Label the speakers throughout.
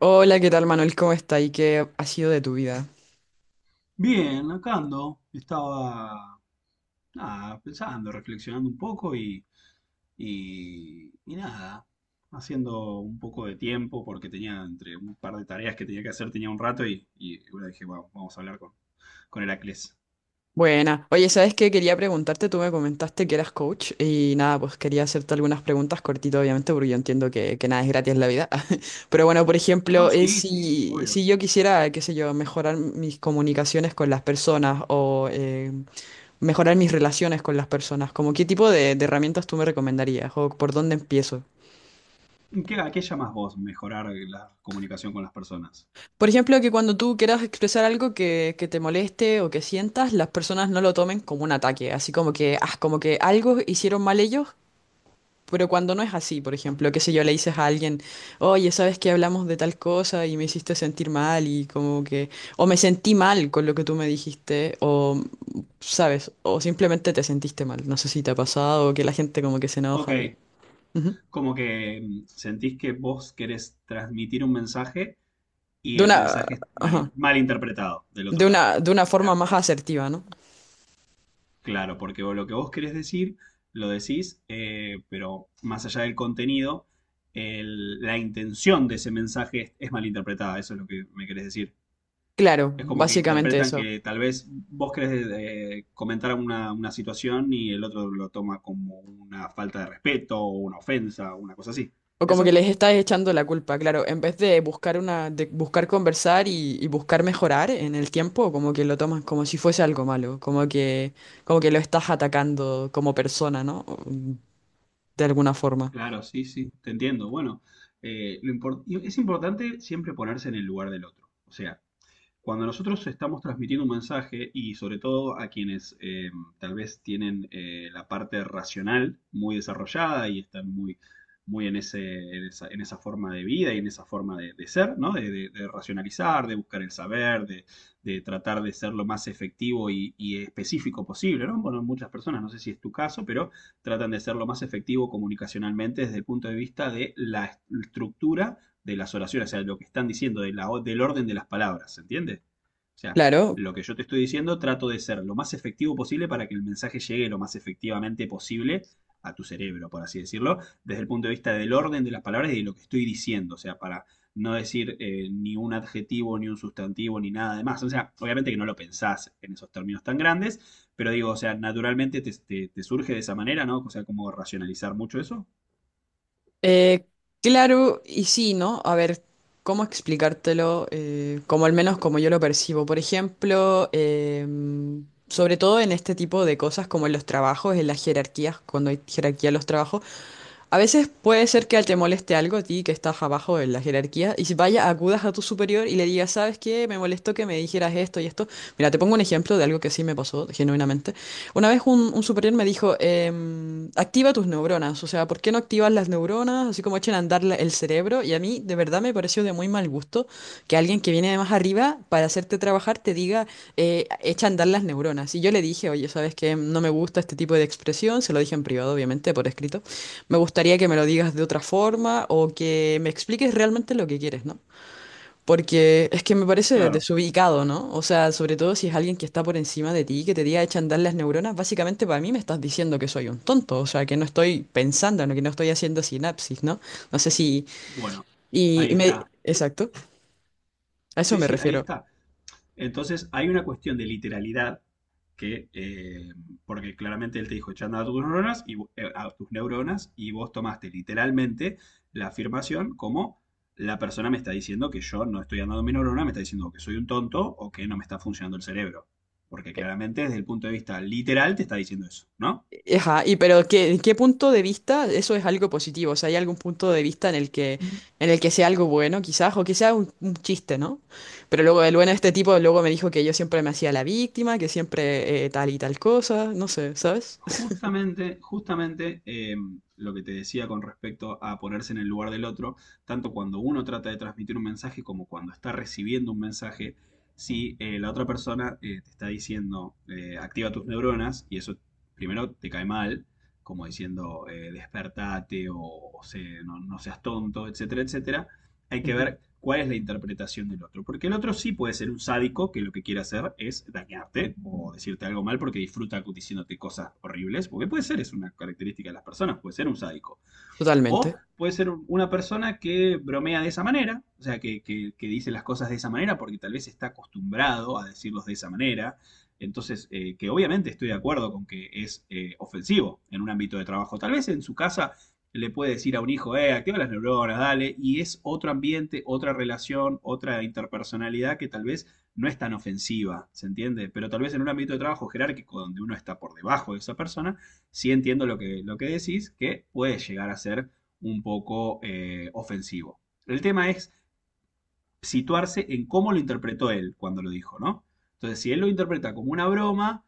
Speaker 1: Hola, ¿qué tal Manuel? ¿Cómo está? ¿Y qué ha sido de tu vida?
Speaker 2: Bien, acá ando. Estaba nada, pensando, reflexionando un poco y nada, haciendo un poco de tiempo porque tenía entre un par de tareas que tenía que hacer, tenía un rato y bueno, dije, "Bueno, vamos a hablar con Heracles."
Speaker 1: Buena. Oye, ¿sabes qué? Quería preguntarte, tú me comentaste que eras coach y nada, pues quería hacerte algunas preguntas cortito, obviamente, porque yo entiendo que nada es gratis en la vida. Pero bueno, por
Speaker 2: No,
Speaker 1: ejemplo,
Speaker 2: sí, sí,
Speaker 1: si,
Speaker 2: obvio.
Speaker 1: si yo quisiera, qué sé yo, mejorar mis comunicaciones con las personas o mejorar mis relaciones con las personas, ¿como qué tipo de herramientas tú me recomendarías o por dónde empiezo?
Speaker 2: ¿Qué, a qué llamas vos mejorar la comunicación con las personas?
Speaker 1: Por ejemplo, que cuando tú quieras expresar algo que te moleste o que sientas, las personas no lo tomen como un ataque, así como que, ah, como que algo hicieron mal ellos, pero cuando no es así, por ejemplo, qué sé yo, le dices a alguien, oye, ¿sabes que hablamos de tal cosa y me hiciste sentir mal? Y como que, o me sentí mal con lo que tú me dijiste, o ¿sabes? O simplemente te sentiste mal, no sé si te ha pasado, o que la gente como que se enoja y...
Speaker 2: Ok,
Speaker 1: Ujú.
Speaker 2: como que sentís que vos querés transmitir un mensaje y
Speaker 1: De
Speaker 2: el
Speaker 1: una,
Speaker 2: mensaje es mal,
Speaker 1: ajá,
Speaker 2: mal interpretado del otro lado.
Speaker 1: de una
Speaker 2: O
Speaker 1: forma
Speaker 2: sea,
Speaker 1: más asertiva, ¿no?
Speaker 2: claro, porque lo que vos querés decir, lo decís, pero más allá del contenido, la intención de ese mensaje es malinterpretada, eso es lo que me querés decir.
Speaker 1: Claro,
Speaker 2: Es como que
Speaker 1: básicamente
Speaker 2: interpretan
Speaker 1: eso.
Speaker 2: que tal vez vos querés comentar una situación y el otro lo toma como una falta de respeto o una ofensa o una cosa así.
Speaker 1: O como que
Speaker 2: ¿Eso?
Speaker 1: les estás echando la culpa, claro, en vez de buscar una, de buscar conversar y buscar mejorar en el tiempo, como que lo tomas como si fuese algo malo, como que lo estás atacando como persona, ¿no? De alguna forma.
Speaker 2: Claro, sí, sí, te entiendo. Bueno, y es importante siempre ponerse en el lugar del otro. O sea, cuando nosotros estamos transmitiendo un mensaje y sobre todo a quienes tal vez tienen la parte racional muy desarrollada y están muy, muy en esa forma de vida y en esa forma de ser, ¿no? De racionalizar, de buscar el saber, de tratar de ser lo más efectivo y específico posible, ¿no? Bueno, muchas personas, no sé si es tu caso, pero tratan de ser lo más efectivo comunicacionalmente desde el punto de vista de la estructura de las oraciones, o sea, lo que están diciendo, del orden de las palabras, ¿se entiende? O sea,
Speaker 1: Claro,
Speaker 2: lo que yo te estoy diciendo trato de ser lo más efectivo posible para que el mensaje llegue lo más efectivamente posible a tu cerebro, por así decirlo, desde el punto de vista del orden de las palabras y de lo que estoy diciendo, o sea, para no decir ni un adjetivo, ni un sustantivo, ni nada de más. O sea, obviamente que no lo pensás en esos términos tan grandes, pero digo, o sea, naturalmente te surge de esa manera, ¿no? O sea, ¿cómo racionalizar mucho eso?
Speaker 1: eh, claro, y sí, ¿no? A ver, ¿cómo explicártelo? Como al menos como yo lo percibo. Por ejemplo, sobre todo en este tipo de cosas como en los trabajos, en las jerarquías, cuando hay jerarquía en los trabajos. A veces puede ser que te moleste algo a ti que estás abajo en la jerarquía y si vaya, acudas a tu superior y le digas, ¿sabes qué? Me molestó que me dijeras esto y esto. Mira, te pongo un ejemplo de algo que sí me pasó genuinamente. Una vez un superior me dijo, activa tus neuronas, o sea, ¿por qué no activas las neuronas? Así como echen a andar el cerebro, y a mí de verdad me pareció de muy mal gusto que alguien que viene de más arriba para hacerte trabajar te diga, echa a andar las neuronas. Y yo le dije, oye, ¿sabes qué? No me gusta este tipo de expresión, se lo dije en privado, obviamente, por escrito. Me gustaría que me lo digas de otra forma o que me expliques realmente lo que quieres, ¿no? Porque es que me parece
Speaker 2: Claro,
Speaker 1: desubicado, ¿no? O sea, sobre todo si es alguien que está por encima de ti, que te diga echan andar las neuronas, básicamente para mí me estás diciendo que soy un tonto, o sea, que no estoy pensando, ¿no? Que no estoy haciendo sinapsis, ¿no? No sé si...
Speaker 2: bueno,
Speaker 1: Y,
Speaker 2: ahí
Speaker 1: y me...
Speaker 2: está.
Speaker 1: Exacto, a eso
Speaker 2: Sí,
Speaker 1: me
Speaker 2: sí, ahí
Speaker 1: refiero.
Speaker 2: está. Entonces hay una cuestión de literalidad que, eh, porque claramente él te dijo echando a tus neuronas y vos tomaste literalmente la afirmación como la persona me está diciendo que yo no estoy andando mi neurona, me está diciendo que soy un tonto o que no me está funcionando el cerebro. Porque claramente desde el punto de vista literal te está diciendo eso, ¿no?
Speaker 1: Ajá, y pero ¿qué, qué punto de vista? ¿Eso es algo positivo? O sea, ¿hay algún punto de vista en el que sea algo bueno, quizás, o que sea un chiste, ¿no? Pero luego el bueno de este tipo luego me dijo que yo siempre me hacía la víctima, que siempre tal y tal cosa, no sé, ¿sabes?
Speaker 2: Justamente, justamente lo que te decía con respecto a ponerse en el lugar del otro, tanto cuando uno trata de transmitir un mensaje como cuando está recibiendo un mensaje, si la otra persona te está diciendo activa tus neuronas y eso primero te cae mal, como diciendo despertate o no seas tonto, etcétera, etcétera, hay que
Speaker 1: Ujú.
Speaker 2: ver cuál es la interpretación del otro. Porque el otro sí puede ser un sádico que lo que quiere hacer es dañarte o decirte algo mal porque disfruta diciéndote cosas horribles. Porque puede ser, es una característica de las personas, puede ser un sádico. O
Speaker 1: Totalmente.
Speaker 2: puede ser una persona que bromea de esa manera, o sea, que dice las cosas de esa manera porque tal vez está acostumbrado a decirlos de esa manera. Entonces, que obviamente estoy de acuerdo con que es ofensivo en un ámbito de trabajo. Tal vez en su casa le puede decir a un hijo, activa las neuronas, dale, y es otro ambiente, otra relación, otra interpersonalidad que tal vez no es tan ofensiva, ¿se entiende? Pero tal vez en un ámbito de trabajo jerárquico donde uno está por debajo de esa persona, sí entiendo lo que decís, que puede llegar a ser un poco ofensivo. El tema es situarse en cómo lo interpretó él cuando lo dijo, ¿no? Entonces, si él lo interpreta como una broma,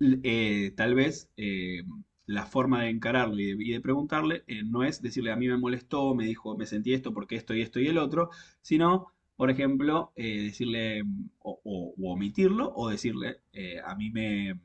Speaker 2: tal vez la forma de encararlo y de preguntarle no es decirle a mí me molestó, me dijo, me sentí esto porque esto y esto y el otro, sino, por ejemplo, decirle, o omitirlo o decirle a mí me, mm,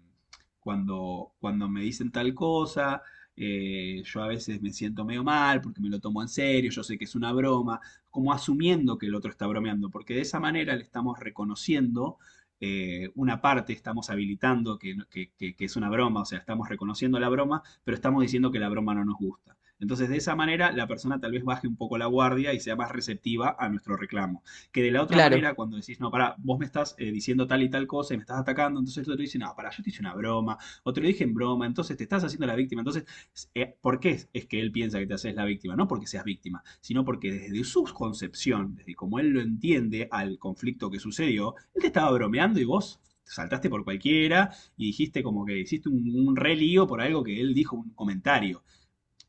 Speaker 2: cuando me dicen tal cosa, yo a veces me siento medio mal porque me lo tomo en serio, yo sé que es una broma, como asumiendo que el otro está bromeando, porque de esa manera le estamos reconociendo una parte, estamos habilitando que, no, que es una broma, o sea, estamos reconociendo la broma, pero estamos diciendo que la broma no nos gusta. Entonces, de esa manera, la persona tal vez baje un poco la guardia y sea más receptiva a nuestro reclamo. Que de la otra
Speaker 1: Claro,
Speaker 2: manera, cuando decís, no, pará, vos me estás diciendo tal y tal cosa y me estás atacando, entonces el otro dice, no, pará, yo te hice una broma, o te lo dije en broma, entonces te estás haciendo la víctima. Entonces, ¿por qué que él piensa que te haces la víctima? No porque seas víctima, sino porque desde su concepción, desde como él lo entiende al conflicto que sucedió, él te estaba bromeando y vos te saltaste por cualquiera y dijiste como que hiciste un re lío por algo que él dijo, un comentario.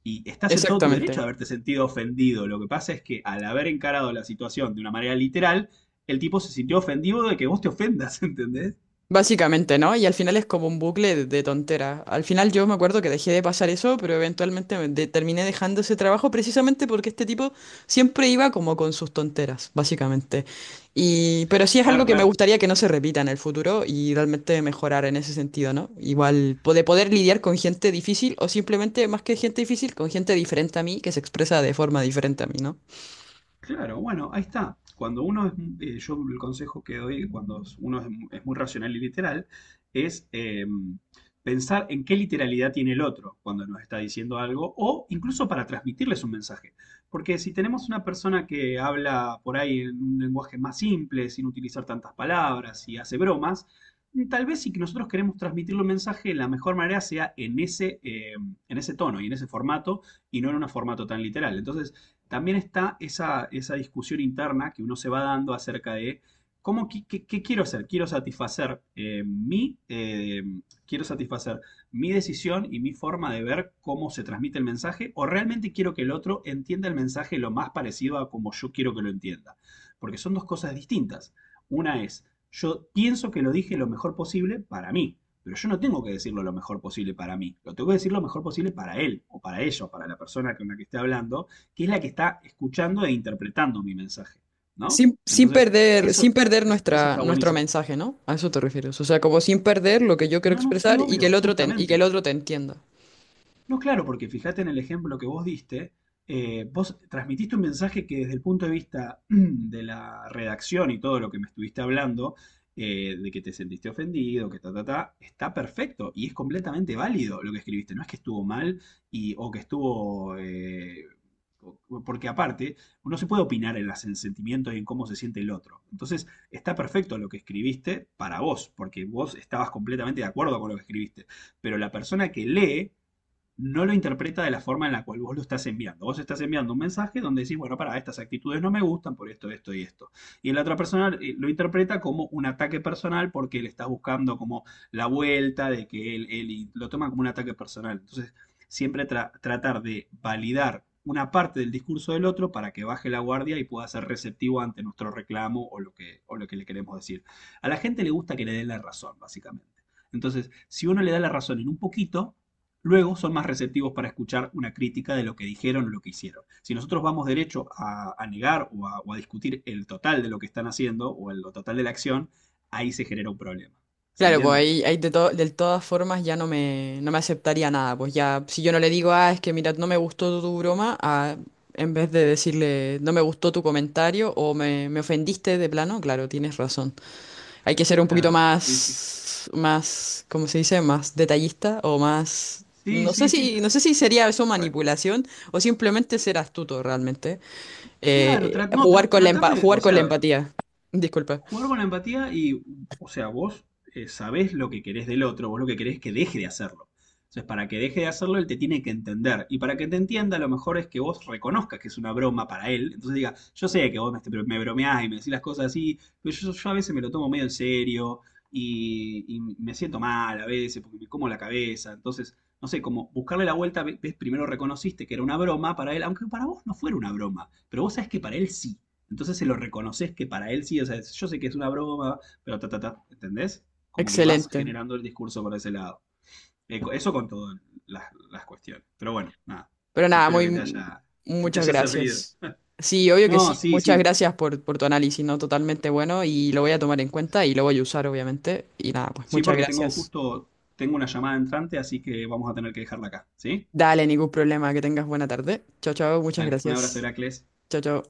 Speaker 2: Y estás en todo tu derecho
Speaker 1: exactamente.
Speaker 2: de haberte sentido ofendido. Lo que pasa es que al haber encarado la situación de una manera literal, el tipo se sintió ofendido de que vos te ofendas, ¿entendés?
Speaker 1: Básicamente, ¿no? Y al final es como un bucle de tontera. Al final yo me acuerdo que dejé de pasar eso, pero eventualmente terminé dejando ese trabajo precisamente porque este tipo siempre iba como con sus tonteras, básicamente. Y, pero sí es
Speaker 2: Claro,
Speaker 1: algo que me
Speaker 2: claro.
Speaker 1: gustaría que no se repita en el futuro y realmente mejorar en ese sentido, ¿no? Igual de poder lidiar con gente difícil o simplemente más que gente difícil, con gente diferente a mí que se expresa de forma diferente a mí, ¿no?
Speaker 2: Claro, bueno, ahí está. Yo el consejo que doy cuando uno es muy racional y literal es pensar en qué literalidad tiene el otro cuando nos está diciendo algo o incluso para transmitirles un mensaje. Porque si tenemos una persona que habla por ahí en un lenguaje más simple, sin utilizar tantas palabras y hace bromas, tal vez si que nosotros queremos transmitirle un mensaje, la mejor manera sea en ese tono y en ese formato y no en un formato tan literal. Entonces, también está esa, esa discusión interna que uno se va dando acerca de ¿cómo, qué, qué- qué quiero hacer? Quiero satisfacer mi decisión y mi forma de ver cómo se transmite el mensaje, o realmente quiero que el otro entienda el mensaje lo más parecido a como yo quiero que lo entienda. Porque son dos cosas distintas. Una es, yo pienso que lo dije lo mejor posible para mí, pero yo no tengo que decirlo lo mejor posible para mí. Lo tengo que decir lo mejor posible para él, o para ella, o para la persona con la que esté hablando que es la que está escuchando e interpretando mi mensaje, ¿no?
Speaker 1: Sin
Speaker 2: Entonces,
Speaker 1: perder, sin
Speaker 2: eso,
Speaker 1: perder
Speaker 2: eso
Speaker 1: nuestra,
Speaker 2: está
Speaker 1: nuestro
Speaker 2: buenísimo.
Speaker 1: mensaje, ¿no? A eso te refieres. O sea, como sin perder lo que yo quiero
Speaker 2: No, no, sí,
Speaker 1: expresar y que
Speaker 2: obvio,
Speaker 1: el otro te, y que el
Speaker 2: justamente.
Speaker 1: otro te entienda.
Speaker 2: No, claro, porque fíjate en el ejemplo que vos diste, vos transmitiste un mensaje que desde el punto de vista de la redacción y todo lo que me estuviste hablando, de que te sentiste ofendido, que ta, ta, ta, está perfecto y es completamente válido lo que escribiste. No es que estuvo mal y, o que estuvo, o- porque aparte, uno se puede opinar en los sentimientos y en cómo se siente el otro. Entonces, está perfecto lo que escribiste para vos, porque vos estabas completamente de acuerdo con lo que escribiste. Pero la persona que lee no lo interpreta de la forma en la cual vos lo estás enviando. Vos estás enviando un mensaje donde decís, bueno, para, estas actitudes no me gustan por esto, esto y esto. Y la otra persona lo interpreta como un ataque personal porque le estás buscando como la vuelta de que él y lo toma como un ataque personal. Entonces, siempre tratar de validar una parte del discurso del otro para que baje la guardia y pueda ser receptivo ante nuestro reclamo o lo que le queremos decir. A la gente le gusta que le den la razón, básicamente. Entonces, si uno le da la razón en un poquito, luego son más receptivos para escuchar una crítica de lo que dijeron o lo que hicieron. Si nosotros vamos derecho a negar o a discutir el total de lo que están haciendo o el total de la acción, ahí se genera un problema. ¿Se
Speaker 1: Claro, pues
Speaker 2: entiende?
Speaker 1: ahí, ahí de, de todas formas ya no me, no me aceptaría nada. Pues ya, si yo no le digo, ah, es que mira, no me gustó tu broma, ah, en vez de decirle, no me gustó tu comentario o me ofendiste de plano, claro, tienes razón. Hay que ser un poquito
Speaker 2: Claro, sí, sí.
Speaker 1: más, más, ¿cómo se dice? Más detallista o más...
Speaker 2: Sí,
Speaker 1: No sé
Speaker 2: sí, sí.
Speaker 1: si, no sé si sería eso
Speaker 2: Por-
Speaker 1: manipulación o simplemente ser astuto realmente.
Speaker 2: claro, no,
Speaker 1: Jugar con
Speaker 2: tratar de,
Speaker 1: jugar
Speaker 2: o
Speaker 1: con la
Speaker 2: sea,
Speaker 1: empatía. Disculpa.
Speaker 2: jugar con la empatía y, o sea, vos sabés lo que querés del otro, vos lo que querés es que deje de hacerlo. Entonces, para que deje de hacerlo, él te tiene que entender. Y para que te entienda, lo mejor es que vos reconozcas que es una broma para él. Entonces diga, yo sé que vos me, me bromeás y me decís las cosas así, pero yo a veces me lo tomo medio en serio y me siento mal a veces porque me como la cabeza. Entonces, no sé, como buscarle la vuelta, ves, primero reconociste que era una broma para él, aunque para vos no fuera una broma, pero vos sabés que para él sí. Entonces se lo reconoces que para él sí, o sea, yo sé que es una broma, pero ta, ta, ta, ¿entendés? Como que vas
Speaker 1: Excelente.
Speaker 2: generando el discurso por ese lado. Eso con todas las, las cuestiones. Pero bueno, nada.
Speaker 1: Pero
Speaker 2: Sí,
Speaker 1: nada,
Speaker 2: espero
Speaker 1: muy,
Speaker 2: que te
Speaker 1: muchas
Speaker 2: haya servido.
Speaker 1: gracias. Sí, obvio que
Speaker 2: No,
Speaker 1: sí.
Speaker 2: sí,
Speaker 1: Muchas
Speaker 2: sí.
Speaker 1: gracias por tu análisis, ¿no? Totalmente bueno y lo voy a tomar en cuenta y lo voy a usar, obviamente. Y nada, pues
Speaker 2: Sí,
Speaker 1: muchas
Speaker 2: porque tengo
Speaker 1: gracias.
Speaker 2: justo, tengo una llamada entrante, así que vamos a tener que dejarla acá, ¿sí?
Speaker 1: Dale, ningún problema. Que tengas buena tarde. Chao, chao. Muchas
Speaker 2: Dale, un abrazo,
Speaker 1: gracias.
Speaker 2: Heracles.
Speaker 1: Chao, chao.